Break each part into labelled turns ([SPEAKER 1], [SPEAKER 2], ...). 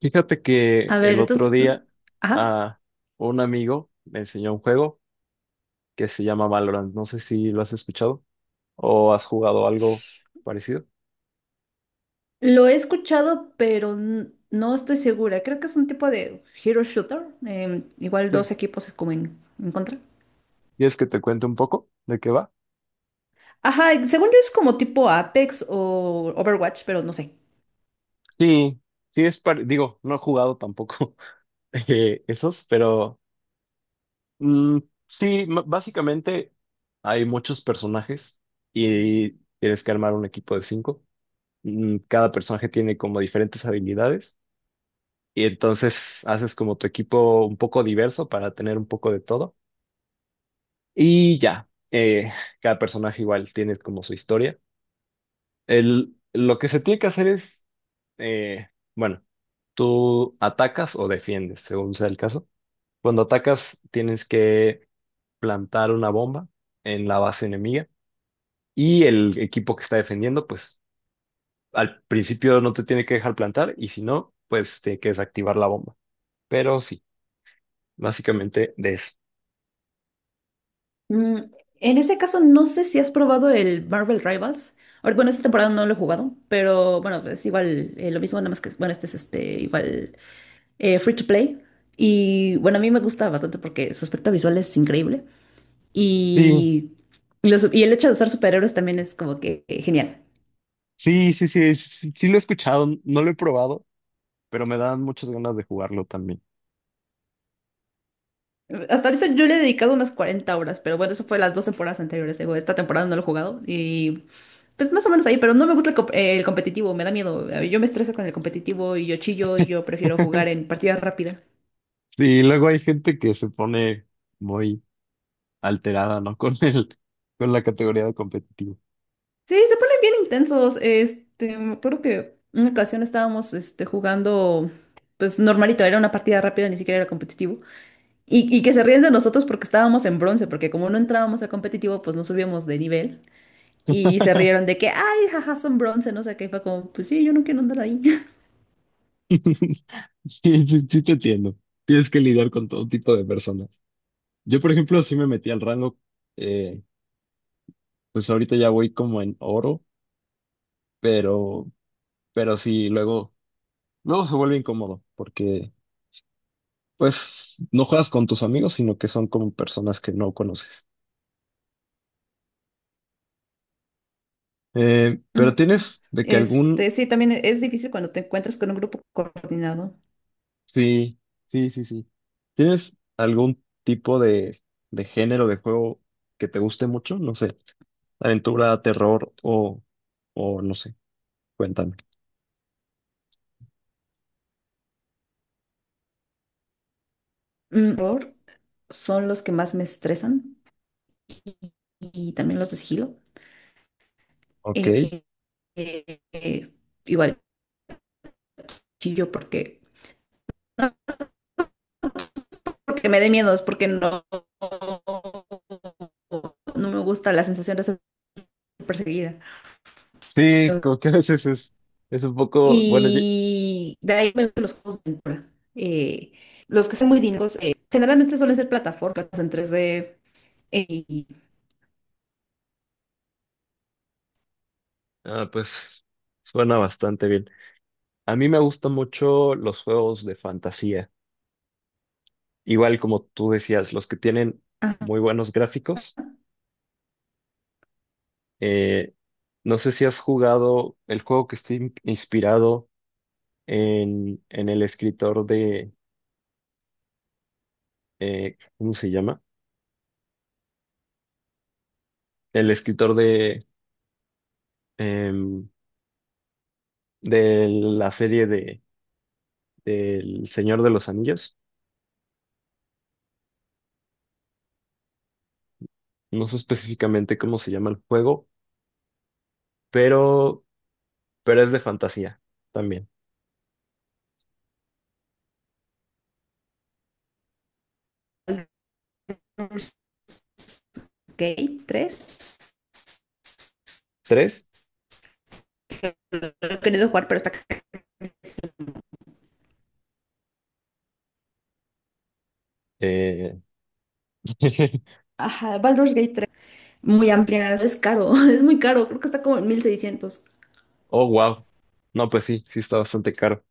[SPEAKER 1] Fíjate que
[SPEAKER 2] A
[SPEAKER 1] el
[SPEAKER 2] ver,
[SPEAKER 1] otro
[SPEAKER 2] entonces,
[SPEAKER 1] día
[SPEAKER 2] ajá,
[SPEAKER 1] a un amigo me enseñó un juego que se llama Valorant. No sé si lo has escuchado o has jugado algo parecido.
[SPEAKER 2] lo he escuchado, pero no estoy segura. Creo que es un tipo de hero shooter. Igual
[SPEAKER 1] Sí.
[SPEAKER 2] dos equipos es como en contra.
[SPEAKER 1] ¿Quieres que te cuente un poco de qué va?
[SPEAKER 2] Ajá, y según yo es como tipo Apex o Overwatch, pero no sé.
[SPEAKER 1] Sí, sí es digo, no he jugado tampoco. Esos, pero mm, sí, básicamente hay muchos personajes y tienes que armar un equipo de cinco. Cada personaje tiene como diferentes habilidades y entonces haces como tu equipo un poco diverso para tener un poco de todo. Y ya, cada personaje igual tiene como su historia. El, lo que se tiene que hacer es, eh, bueno, tú atacas o defiendes, según sea el caso. Cuando atacas, tienes que plantar una bomba en la base enemiga, y el equipo que está defendiendo, pues al principio no te tiene que dejar plantar, y si no, pues tiene que desactivar la bomba. Pero sí, básicamente de eso.
[SPEAKER 2] Mm, en ese caso, no sé si has probado el Marvel Rivals. Bueno, esta temporada no lo he jugado, pero bueno, es igual, lo mismo, nada más que, bueno, este es este, igual, free to play. Y bueno, a mí me gusta bastante porque su aspecto visual es increíble.
[SPEAKER 1] Sí,
[SPEAKER 2] Y, y el hecho de usar superhéroes también es como que genial.
[SPEAKER 1] sí, sí, sí, sí, sí lo he escuchado, no lo he probado, pero me dan muchas ganas de jugarlo también.
[SPEAKER 2] Hasta ahorita yo le he dedicado unas 40 horas, pero bueno, eso fue las dos temporadas anteriores. Esta temporada no lo he jugado y pues más o menos ahí, pero no me gusta el competitivo, me da miedo. Yo me estreso con el competitivo y yo chillo y yo prefiero jugar en partida rápida.
[SPEAKER 1] Sí, luego hay gente que se pone muy alterada, ¿no? Con el, con la categoría de competitivo.
[SPEAKER 2] Sí, se ponen bien intensos. Este, me acuerdo que una ocasión estábamos este, jugando, pues normalito, era una partida rápida, ni siquiera era competitivo. Y que se ríen de nosotros porque estábamos en bronce, porque como no entrábamos al competitivo, pues no subíamos de nivel. Y se rieron de que, ay, jaja, son bronce, no sé qué. Y fue como, pues sí, yo no quiero andar ahí.
[SPEAKER 1] Sí, sí, sí te entiendo. Tienes que lidiar con todo tipo de personas. Yo, por ejemplo, sí me metí al rango, eh, pues ahorita ya voy como en oro, pero, pero sí, luego, luego se vuelve incómodo, porque pues no juegas con tus amigos, sino que son como personas que no conoces. Pero
[SPEAKER 2] Ujú.
[SPEAKER 1] tienes de que algún,
[SPEAKER 2] Este, sí, también es difícil cuando te encuentras con un grupo coordinado.
[SPEAKER 1] sí, sí, sí, sí. ¿Tienes algún tipo de género de juego que te guste mucho? No sé, aventura, terror o no sé, cuéntame.
[SPEAKER 2] Mm, horror son los que más me estresan y también los de sigilo.
[SPEAKER 1] Ok.
[SPEAKER 2] Eh, eh, Igual chillo porque, porque me da miedo, es porque no me gusta la sensación de ser perseguida.
[SPEAKER 1] Sí, como que a veces es un poco, bueno,
[SPEAKER 2] Y de ahí me gustan los juegos de aventura. Los que son muy dinámicos, generalmente suelen ser plataformas en 3D eh, y
[SPEAKER 1] ah, pues suena bastante bien. A mí me gustan mucho los juegos de fantasía, igual como tú decías, los que tienen muy buenos gráficos. Eh, no sé si has jugado el juego que está inspirado en el escritor de, ¿cómo se llama? El escritor de, em, de la serie de, del Señor de los Anillos. No sé específicamente cómo se llama el juego, pero, pero es de fantasía también.
[SPEAKER 2] Baldur's Gate 3,
[SPEAKER 1] ¿Tres?
[SPEAKER 2] lo he querido jugar, pero está caro.
[SPEAKER 1] Eh,
[SPEAKER 2] Ajá, Baldur's Gate tres muy amplia, es caro, es muy caro, creo que está como en 1600.
[SPEAKER 1] Oh, wow. No, pues sí, sí está bastante caro.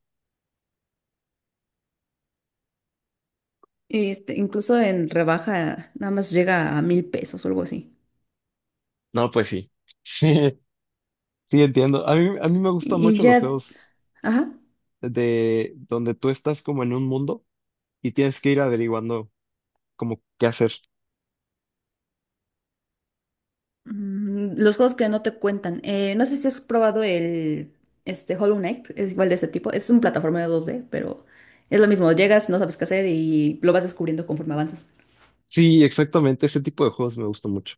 [SPEAKER 2] Este, incluso en rebaja, nada más llega a 1000 pesos o algo así.
[SPEAKER 1] No, pues sí. Sí, sí entiendo. A mí me gustan
[SPEAKER 2] Y, y
[SPEAKER 1] mucho los
[SPEAKER 2] ya,
[SPEAKER 1] juegos
[SPEAKER 2] ajá.
[SPEAKER 1] de donde tú estás como en un mundo y tienes que ir averiguando como qué hacer.
[SPEAKER 2] Mm, los juegos que no te cuentan. No sé si has probado el Hollow Knight, es igual de ese tipo. Es un plataformero 2D pero es lo mismo. Llegas, no sabes qué hacer y lo vas descubriendo conforme avanzas.
[SPEAKER 1] Sí, exactamente, ese tipo de juegos me gustó mucho.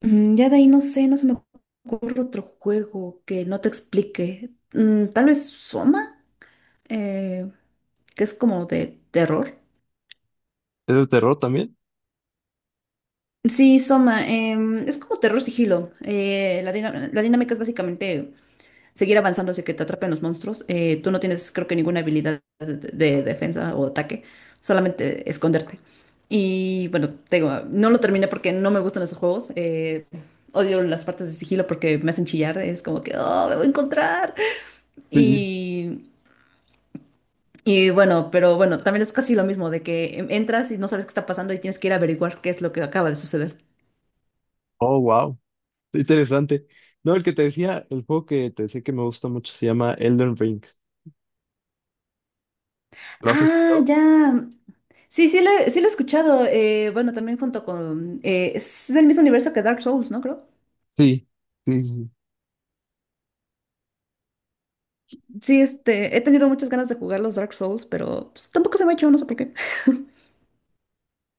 [SPEAKER 2] Mm, ya de ahí no sé, no se me ocurre otro juego que no te explique. Mm, tal vez Soma, eh, que es como de terror.
[SPEAKER 1] ¿Es de terror también?
[SPEAKER 2] Sí, Soma, es como terror sigilo. La dinámica es básicamente seguir avanzando hacia que te atrapen los monstruos. Tú no tienes, creo que, ninguna habilidad de defensa o ataque, solamente esconderte. Y bueno, te digo, no lo terminé porque no me gustan esos juegos. Odio las partes de sigilo porque me hacen chillar. Es como que, oh, me voy a encontrar.
[SPEAKER 1] Sí.
[SPEAKER 2] Y, y bueno, pero bueno, también es casi lo mismo de que entras y no sabes qué está pasando y tienes que ir a averiguar qué es lo que acaba de suceder.
[SPEAKER 1] Oh, wow. Interesante. No, el que te decía, el juego que te decía que me gusta mucho se llama Elden Ring. ¿Lo has
[SPEAKER 2] Ah,
[SPEAKER 1] escuchado?
[SPEAKER 2] ya. Sí, sí lo he escuchado. Bueno, también junto con... es del mismo universo que Dark Souls, ¿no? Creo.
[SPEAKER 1] Sí, sí, sí, sí.
[SPEAKER 2] Sí, este, he tenido muchas ganas de jugar los Dark Souls, pero pues, tampoco se me ha hecho, no sé por qué.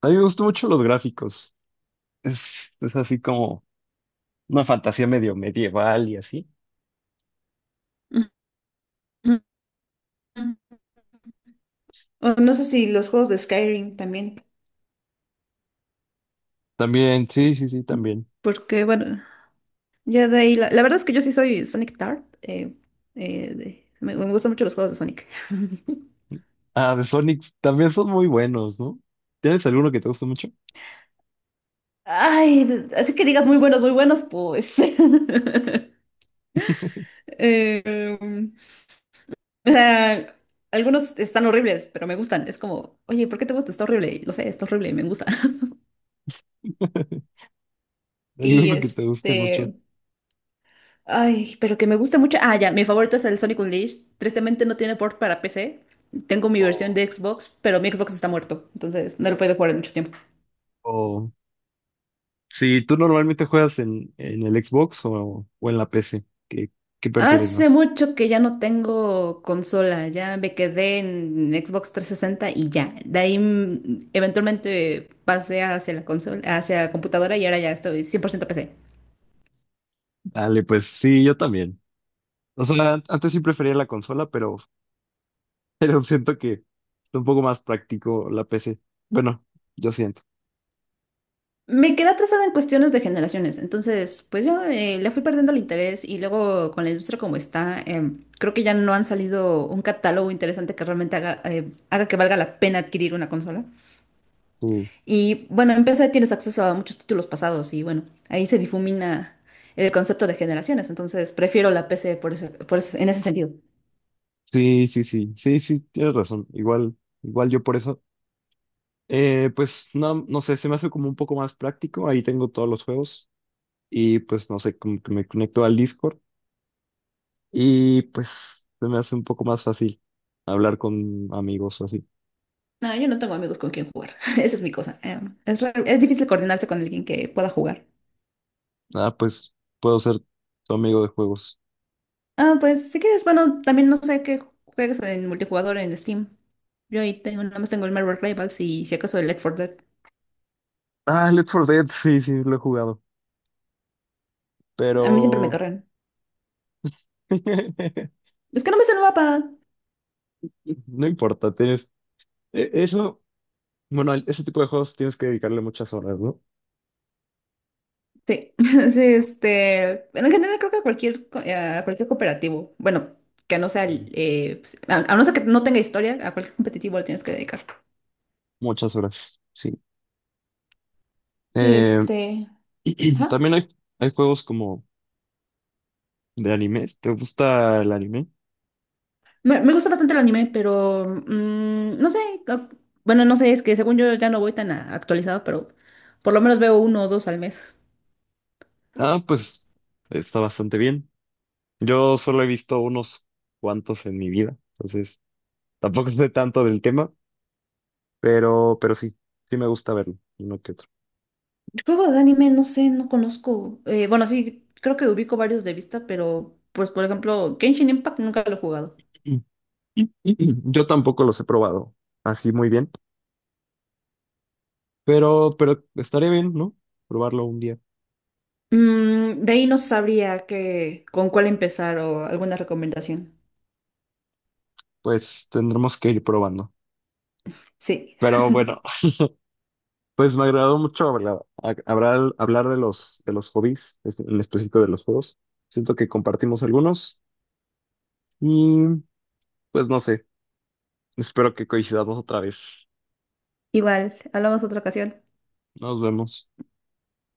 [SPEAKER 1] A mí me gustan mucho los gráficos. Es, es así como una fantasía medio medieval y así.
[SPEAKER 2] Ujú. O no sé si los juegos de Skyrim también.
[SPEAKER 1] También, sí, sí, sí, también.
[SPEAKER 2] Porque, bueno, ya de ahí... la verdad es que yo sí soy Sonic Tart. Me gustan mucho los juegos de Sonic.
[SPEAKER 1] Ah, de Sonic también son muy buenos, ¿no? ¿Tienes alguno que te guste mucho?
[SPEAKER 2] Ay, así que digas muy buenos, pues. Eh, O sea, Algunos están horribles, pero me gustan. Es como, oye, ¿por qué te gusta? Está horrible. Lo sé, está horrible, me gusta. Y
[SPEAKER 1] ¿Alguno que te guste mucho?
[SPEAKER 2] este. Ay, pero que me gusta mucho. Ah, ya, mi favorito es el Sonic Unleashed. Tristemente no tiene port para PC. Tengo mi versión
[SPEAKER 1] O,
[SPEAKER 2] de Xbox, pero mi Xbox está muerto. Entonces no lo puedo jugar en mucho tiempo.
[SPEAKER 1] o si tú normalmente juegas en el Xbox o en la PC, ¿qué, qué prefieres
[SPEAKER 2] Hace
[SPEAKER 1] más?
[SPEAKER 2] mucho que ya no tengo consola. Ya me quedé en Xbox 360 y ya. De ahí mm, eventualmente pasé hacia la consola, hacia computadora y ahora ya estoy 100% PC.
[SPEAKER 1] Dale, pues sí, yo también. O sea, antes sí prefería la consola, pero, pero siento que es un poco más práctico la PC. Bueno, yo siento.
[SPEAKER 2] Me quedé atrasada en cuestiones de generaciones, entonces pues yo le fui perdiendo el interés y luego con la industria como está, creo que ya no han salido un catálogo interesante que realmente haga que valga la pena adquirir una consola.
[SPEAKER 1] Sí,
[SPEAKER 2] Y bueno, en PC tienes acceso a muchos títulos pasados y bueno, ahí se difumina el concepto de generaciones, entonces prefiero la PC en ese sentido.
[SPEAKER 1] sí, sí, sí, sí, sí, tienes razón. Igual, igual yo por eso. Pues no, no sé, se me hace como un poco más práctico. Ahí tengo todos los juegos y pues no sé, como que me conecto al Discord. Y pues se me hace un poco más fácil hablar con amigos o así.
[SPEAKER 2] No, yo no tengo amigos con quien jugar, esa es mi cosa. Es difícil coordinarse con alguien que pueda jugar.
[SPEAKER 1] Ah, pues puedo ser tu amigo de juegos.
[SPEAKER 2] Ah, pues si quieres, bueno, también no sé qué juegas en multijugador en Steam. Yo ahí tengo, nada más tengo el Marvel Rivals y si acaso el Left 4 Dead.
[SPEAKER 1] Ah, Left 4 Dead, sí, sí, lo he jugado.
[SPEAKER 2] A mí siempre me
[SPEAKER 1] Pero
[SPEAKER 2] cargan. Es que no me sé el mapa.
[SPEAKER 1] no importa, tienes. Eso, bueno, ese tipo de juegos tienes que dedicarle muchas horas, ¿no?
[SPEAKER 2] Sí, sí, este, pero en general creo que a cualquier, a cualquier cooperativo, bueno, que no sea,
[SPEAKER 1] Sí.
[SPEAKER 2] pues, a no ser que no tenga historia, a cualquier competitivo le tienes que dedicar.
[SPEAKER 1] Muchas horas, sí.
[SPEAKER 2] Sí,
[SPEAKER 1] Eh,
[SPEAKER 2] este, ajá.
[SPEAKER 1] también hay juegos como de animes. ¿Te gusta el anime?
[SPEAKER 2] Me gusta bastante el anime, pero mm, no sé, o- bueno, no sé, es que según yo ya no voy tan actualizado, pero por lo menos veo uno o dos al mes.
[SPEAKER 1] Ah, pues está bastante bien. Yo solo he visto unos cuantos en mi vida, entonces tampoco sé tanto del tema, pero sí, sí me gusta verlo, uno que otro.
[SPEAKER 2] Juego de anime, no sé, no conozco. Bueno, sí, creo que ubico varios de vista, pero pues por ejemplo, Genshin Impact nunca lo he jugado.
[SPEAKER 1] Y- y- Yo tampoco los he probado así muy bien, pero estaré bien, ¿no? Probarlo un día.
[SPEAKER 2] Mm, de ahí no sabría qué, con cuál empezar o alguna recomendación.
[SPEAKER 1] Pues tendremos que ir probando.
[SPEAKER 2] Sí.
[SPEAKER 1] Pero bueno, pues me agradó mucho hablar, hablar de los hobbies, en específico de los juegos. Siento que compartimos algunos y pues no sé, espero que coincidamos otra vez.
[SPEAKER 2] Igual, hablamos otra ocasión.
[SPEAKER 1] Nos vemos.